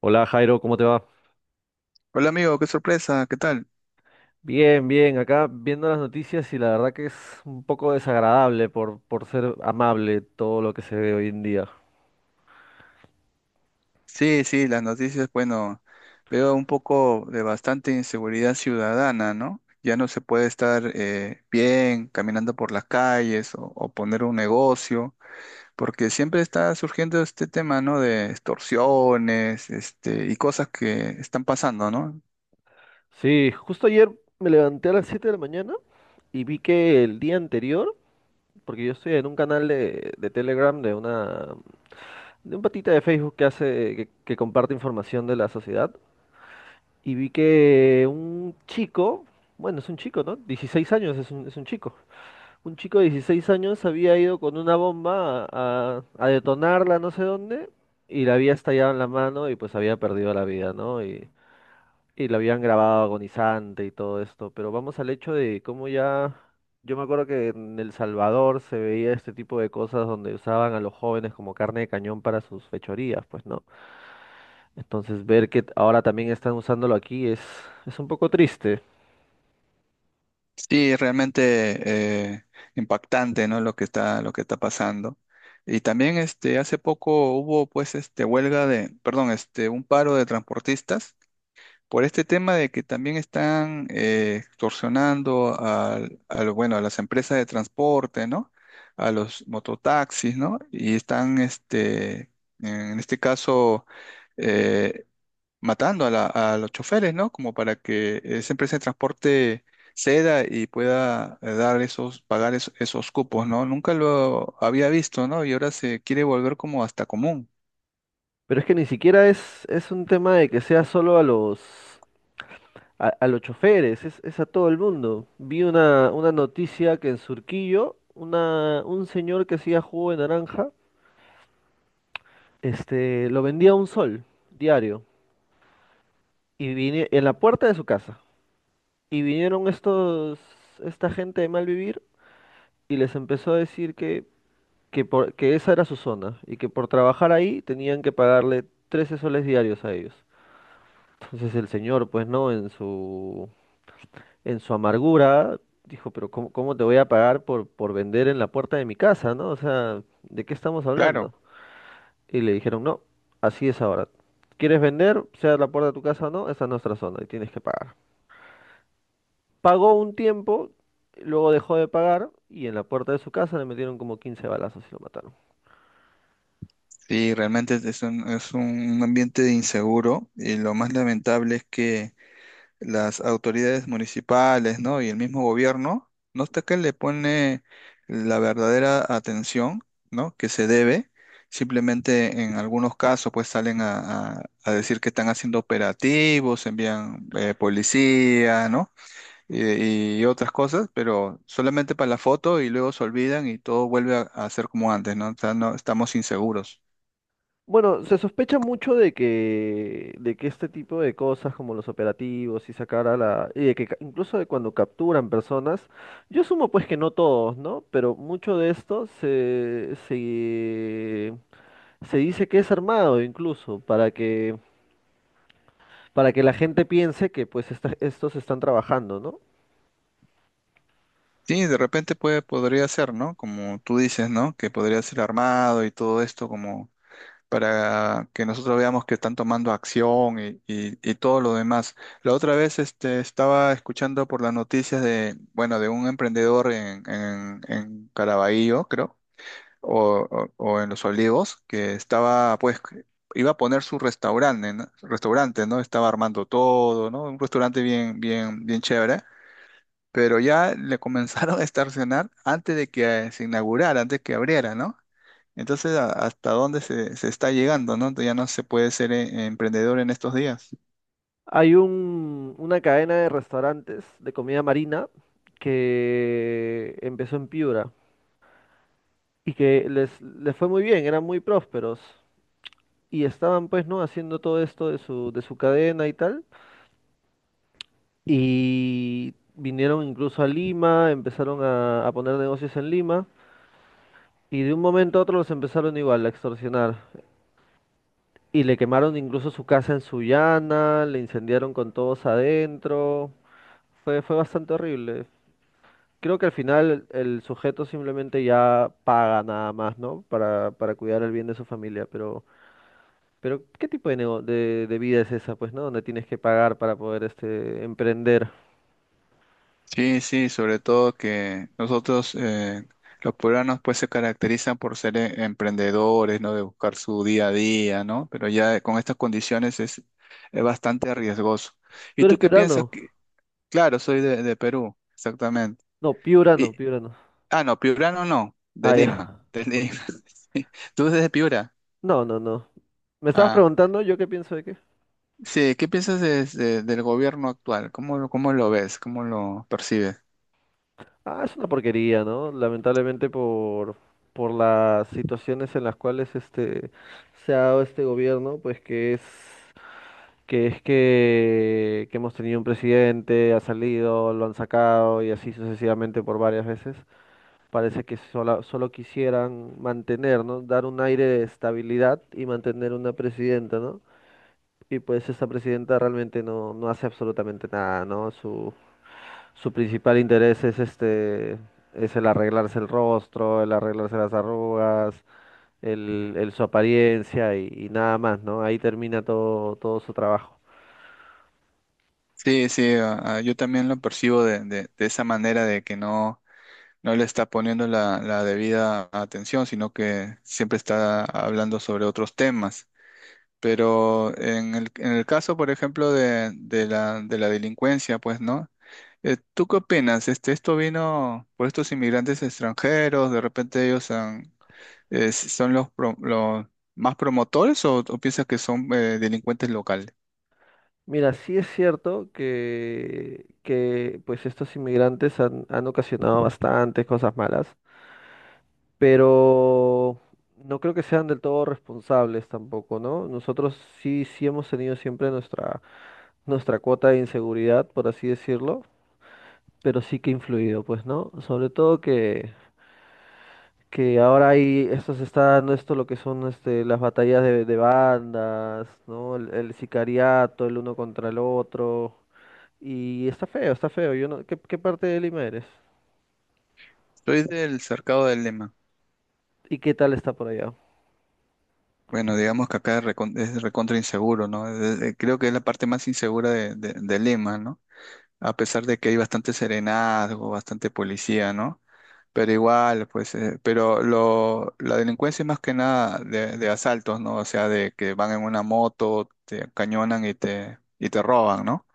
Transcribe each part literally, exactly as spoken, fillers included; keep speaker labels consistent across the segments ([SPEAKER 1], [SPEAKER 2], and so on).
[SPEAKER 1] Hola Jairo, ¿cómo te va?
[SPEAKER 2] Hola amigo, qué sorpresa, ¿qué tal?
[SPEAKER 1] Bien, bien, acá viendo las noticias y la verdad que es un poco desagradable por, por ser amable todo lo que se ve hoy en día.
[SPEAKER 2] Sí, sí, las noticias, bueno, veo un poco de bastante inseguridad ciudadana, ¿no? Ya no se puede estar eh, bien caminando por las calles o, o poner un negocio, porque siempre está surgiendo este tema, ¿no? De extorsiones, este, y cosas que están pasando, ¿no?
[SPEAKER 1] Sí, justo ayer me levanté a las siete de la mañana y vi que el día anterior, porque yo estoy en un canal de, de Telegram de una de un patita de Facebook que hace que, que comparte información de la sociedad y vi que un chico, bueno, es un chico, ¿no? Dieciséis años es un, es un chico. Un chico de dieciséis años había ido con una bomba a, a- a detonarla no sé dónde y la había estallado en la mano y pues había perdido la vida, ¿no? Y, y la habían grabado agonizante y todo esto. Pero vamos al hecho de cómo ya... Yo me acuerdo que en El Salvador se veía este tipo de cosas donde usaban a los jóvenes como carne de cañón para sus fechorías, pues, ¿no? Entonces ver que ahora también están usándolo aquí es, es un poco triste.
[SPEAKER 2] Sí, realmente eh, impactante, ¿no? Lo que está, lo que está pasando. Y también, este, hace poco hubo, pues, este, huelga de, perdón, este, un paro de transportistas por este tema de que también están eh, extorsionando al, al, bueno, a las empresas de transporte, ¿no? A los mototaxis, ¿no? Y están, este, en este caso, eh, matando a, la- a los choferes, ¿no? Como para que eh, esa empresa de transporte ceda y pueda eh, dar esos, pagar esos, esos cupos, ¿no? Nunca lo había visto, ¿no? Y ahora se quiere volver como hasta común.
[SPEAKER 1] Pero es que ni siquiera es, es un tema de que sea solo a los A, a los choferes, es, es a todo el mundo. Vi una, una noticia que en Surquillo, una, un señor que hacía jugo de naranja, este, lo vendía a un sol diario y vine, en la puerta de su casa. Y vinieron estos, esta gente de mal vivir y les empezó a decir que, que, por, que esa era su zona y que por trabajar ahí tenían que pagarle trece soles diarios a ellos. Entonces el señor, pues no, en su en su amargura, dijo, pero ¿cómo, cómo te voy a pagar por, por vender en la puerta de mi casa, ¿no? O sea, ¿de qué estamos hablando?
[SPEAKER 2] Claro.
[SPEAKER 1] Y le dijeron, no, así es ahora. ¿Quieres vender, sea la puerta de tu casa o no? Esa es nuestra zona y tienes que pagar. Pagó un tiempo, luego dejó de pagar y en la puerta de su casa le metieron como quince balazos y lo mataron.
[SPEAKER 2] Sí, realmente es un, es un ambiente inseguro y lo más lamentable es que las autoridades municipales, ¿no? Y el mismo gobierno, no está que le pone la verdadera atención, ¿no? Que se debe. Simplemente en algunos casos, pues salen a, a- a decir que están haciendo operativos, envían eh, policía, ¿no? Y, y otras cosas, pero solamente para la foto y luego se olvidan y todo vuelve a, a ser como antes, ¿no? O sea, no- estamos inseguros.
[SPEAKER 1] Bueno, se sospecha mucho de que, de que este tipo de cosas como los operativos y sacar a la... y de que ca- incluso de cuando capturan personas, yo sumo pues que no todos, ¿no? Pero mucho de esto se, se, se dice que es armado incluso para que, para que la gente piense que pues esta- estos están trabajando, ¿no?
[SPEAKER 2] Sí, de repente puede, podría ser, ¿no? Como tú dices, ¿no? Que podría ser armado y todo esto como para que nosotros veamos que están tomando acción y, y- y todo lo demás. La otra vez este, estaba escuchando por las noticias de, bueno, de un emprendedor en, en, en Caraballo, creo, o, o- o en Los Olivos, que estaba, pues, iba a poner su restaurante, ¿no? Restaurante, ¿no? Estaba armando todo, ¿no? Un restaurante bien, bien, bien chévere. Pero ya le comenzaron a estacionar antes de que se inaugurara, antes que abriera, ¿no? Entonces, a- ¿hasta dónde se, se está llegando, no? Ya no se puede ser eh, emprendedor en estos días.
[SPEAKER 1] Hay un, una cadena de restaurantes de comida marina que empezó en Piura y que les, les fue muy bien, eran muy prósperos. Y estaban pues, ¿no? Haciendo todo esto de su, de su cadena y tal. Y vinieron incluso a Lima, empezaron a, a poner negocios en Lima. Y de un momento a otro los empezaron igual a extorsionar. Y le quemaron incluso su casa en Sullana, le incendiaron con todos adentro. Fue, fue bastante horrible. Creo que al final el sujeto simplemente ya paga nada más, ¿no? Para, para cuidar el bien de su familia, pero... Pero, ¿qué tipo de, nego- de, de vida es esa, pues, ¿no? Donde tienes que pagar para poder este, emprender.
[SPEAKER 2] Sí, sí, sobre todo que nosotros, eh, los peruanos, pues se caracterizan por ser eh, emprendedores, ¿no? De buscar su día a día, ¿no? Pero ya con estas condiciones es, es bastante riesgoso.
[SPEAKER 1] ¿Tú
[SPEAKER 2] ¿Y tú
[SPEAKER 1] eres
[SPEAKER 2] qué piensas?
[SPEAKER 1] piurano?
[SPEAKER 2] Que- Claro, soy de, de Perú, exactamente.
[SPEAKER 1] No, piurano,
[SPEAKER 2] Y,
[SPEAKER 1] piurano.
[SPEAKER 2] ah, no, piurano no, no, de
[SPEAKER 1] Ah, ya.
[SPEAKER 2] Lima, de
[SPEAKER 1] Ok.
[SPEAKER 2] Lima. Sí. ¿Tú eres de Piura?
[SPEAKER 1] No, no, no. ¿Me estabas
[SPEAKER 2] Ah.
[SPEAKER 1] preguntando yo qué pienso de qué?
[SPEAKER 2] Sí, ¿qué piensas de- de- del gobierno actual? ¿Cómo, lo- cómo lo ves? ¿Cómo lo percibes?
[SPEAKER 1] Ah, es una porquería, ¿no? Lamentablemente por, por las situaciones en las cuales este, se ha dado este gobierno, pues que es que es que, que hemos tenido un presidente, ha salido, lo han sacado y así sucesivamente por varias veces. Parece que sola- solo quisieran mantener, ¿no? Dar un aire de estabilidad y mantener una presidenta, ¿no? Y pues esa presidenta realmente no, no hace absolutamente nada, ¿no? Su, su principal interés es este, es el arreglarse el rostro, el arreglarse las arrugas, el, el su apariencia y, y nada más, ¿no? Ahí termina todo, todo su trabajo.
[SPEAKER 2] Sí, sí, a- a- yo también lo percibo de, de- de esa manera de que no, no le está poniendo la, la debida atención, sino que siempre está hablando sobre otros temas. Pero en el, en el caso, por ejemplo, de, de la, de la delincuencia, pues, ¿no? Eh, ¿tú qué opinas? Este, ¿esto vino por estos inmigrantes extranjeros? ¿De repente ellos han, Es- ¿son los, pro- los más promotores o, o piensas que son eh, delincuentes locales?
[SPEAKER 1] Mira, sí es cierto que, que pues estos inmigrantes han, han ocasionado bastantes cosas malas, pero no creo que sean del todo responsables tampoco, ¿no? Nosotros sí, sí hemos tenido siempre nuestra, nuestra cuota de inseguridad, por así decirlo, pero sí que ha influido, pues, ¿no? Sobre todo que, que ahora hay, esto se está dando esto lo que son este, las batallas de, de bandas, ¿no? El, el sicariato, el uno contra el otro, y está feo, está feo, yo no, ¿qué, qué parte de Lima eres?
[SPEAKER 2] Soy del cercado del Lema.
[SPEAKER 1] ¿Y qué tal está por allá?
[SPEAKER 2] Bueno, digamos que acá es recon- es recontra inseguro, ¿no? Es- es- creo que es la parte más insegura de, de- de Lima, ¿no? A pesar de que hay bastante serenazgo, bastante policía, ¿no? Pero igual, pues, eh, pero lo, la delincuencia es más que nada de, de asaltos, ¿no? O sea, de que van en una moto, te cañonan y te, y te roban, ¿no?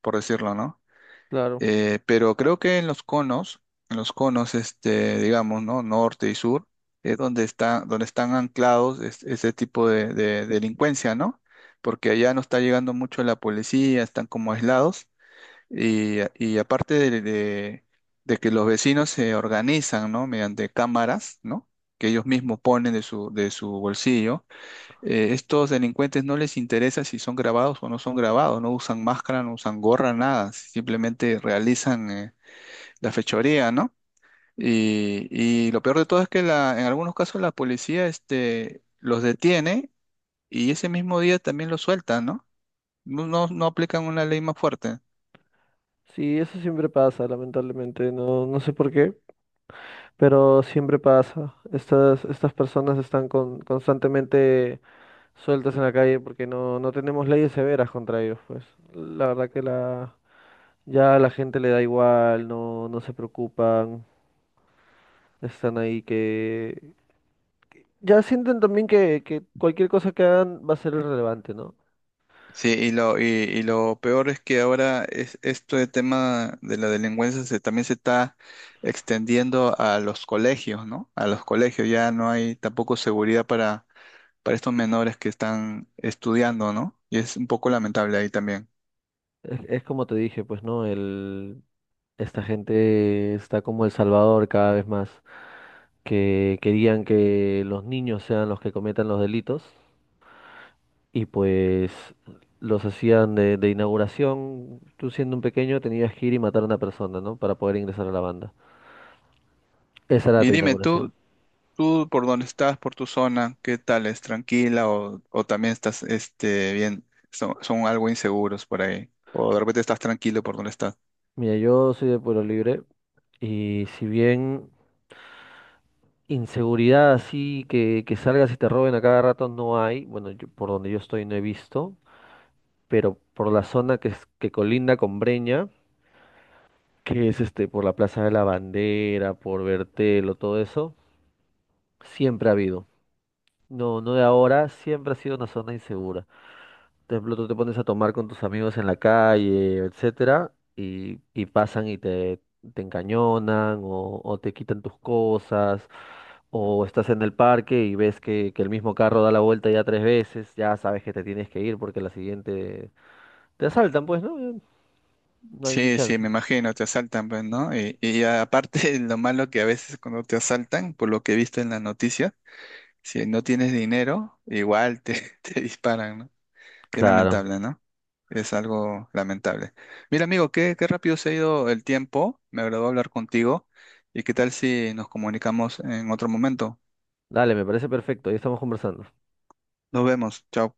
[SPEAKER 2] Por decirlo, ¿no?
[SPEAKER 1] Claro.
[SPEAKER 2] Eh, pero creo que en los conos, en los conos, este, digamos, ¿no? Norte y sur, es donde está, donde están anclados es- ese tipo de, de delincuencia, ¿no? Porque allá no está llegando mucho la policía, están como aislados, y, y aparte de, de- de que los vecinos se organizan, ¿no? Mediante cámaras, ¿no? Que ellos mismos ponen de su, de su bolsillo eh, estos delincuentes no les interesa si son grabados o no son grabados, no usan máscara, no usan gorra, nada, simplemente realizan eh, la fechoría, ¿no? Y, y lo peor de todo es que la, en algunos casos la policía este, los detiene y ese mismo día también los suelta, ¿no? No, no, no aplican una ley más fuerte.
[SPEAKER 1] Sí, eso siempre pasa, lamentablemente. No, no sé por qué. Pero siempre pasa. Estas, estas personas están con- constantemente sueltas en la calle porque no, no tenemos leyes severas contra ellos, pues. La verdad que la, ya a la gente le da igual, no, no se preocupan, están ahí que... Ya sienten también que, que cualquier cosa que hagan va a ser irrelevante, ¿no?
[SPEAKER 2] Sí, y lo, y, y lo peor es que ahora es, esto de tema de la delincuencia se, también se está extendiendo a los colegios, ¿no? A los colegios ya no hay tampoco seguridad para, para estos menores que están estudiando, ¿no? Y es un poco lamentable ahí también.
[SPEAKER 1] Es, es como te dije, pues, ¿no? El, esta gente está como El Salvador cada vez más, que querían que los niños sean los que cometan los delitos y pues los hacían de, de inauguración. Tú siendo un pequeño tenías que ir y matar a una persona, ¿no? Para poder ingresar a la banda. Esa era
[SPEAKER 2] Y
[SPEAKER 1] tu
[SPEAKER 2] dime,
[SPEAKER 1] inauguración.
[SPEAKER 2] tú, tú por dónde estás, por tu zona, ¿qué tal? ¿Es tranquila o, o también estás, este, bien, son, son algo inseguros por ahí? O de repente estás tranquilo por donde estás.
[SPEAKER 1] Mira, yo soy de Pueblo Libre y si bien inseguridad así que, que salgas y te roben a cada rato no hay, bueno, yo- por donde yo estoy no he visto, pero por la zona que, es- que colinda con Breña, que es este, por la Plaza de la Bandera, por Bertelo, todo eso, siempre ha habido. No, no de ahora, siempre ha sido una zona insegura. Por ejemplo, tú te pones a tomar con tus amigos en la calle, etcétera, y, y pasan y te, te encañonan o, o te quitan tus cosas, o estás en el parque y ves que, que el mismo carro da la vuelta ya tres veces, ya sabes que te tienes que ir porque la siguiente te asaltan, pues, ¿no? Ya no hay ni
[SPEAKER 2] Sí, sí,
[SPEAKER 1] chance.
[SPEAKER 2] me imagino, te asaltan, pues, ¿no? Y, y aparte, lo malo que a veces cuando te asaltan, por lo que he visto en las noticias, si no tienes dinero, igual te, te disparan, ¿no? Qué
[SPEAKER 1] Claro.
[SPEAKER 2] lamentable, ¿no? Es algo lamentable. Mira, amigo, qué, qué rápido se ha ido el tiempo. Me agradó hablar contigo. ¿Y qué tal si nos comunicamos en otro momento?
[SPEAKER 1] Dale, me parece perfecto, ahí estamos conversando.
[SPEAKER 2] Nos vemos. Chao.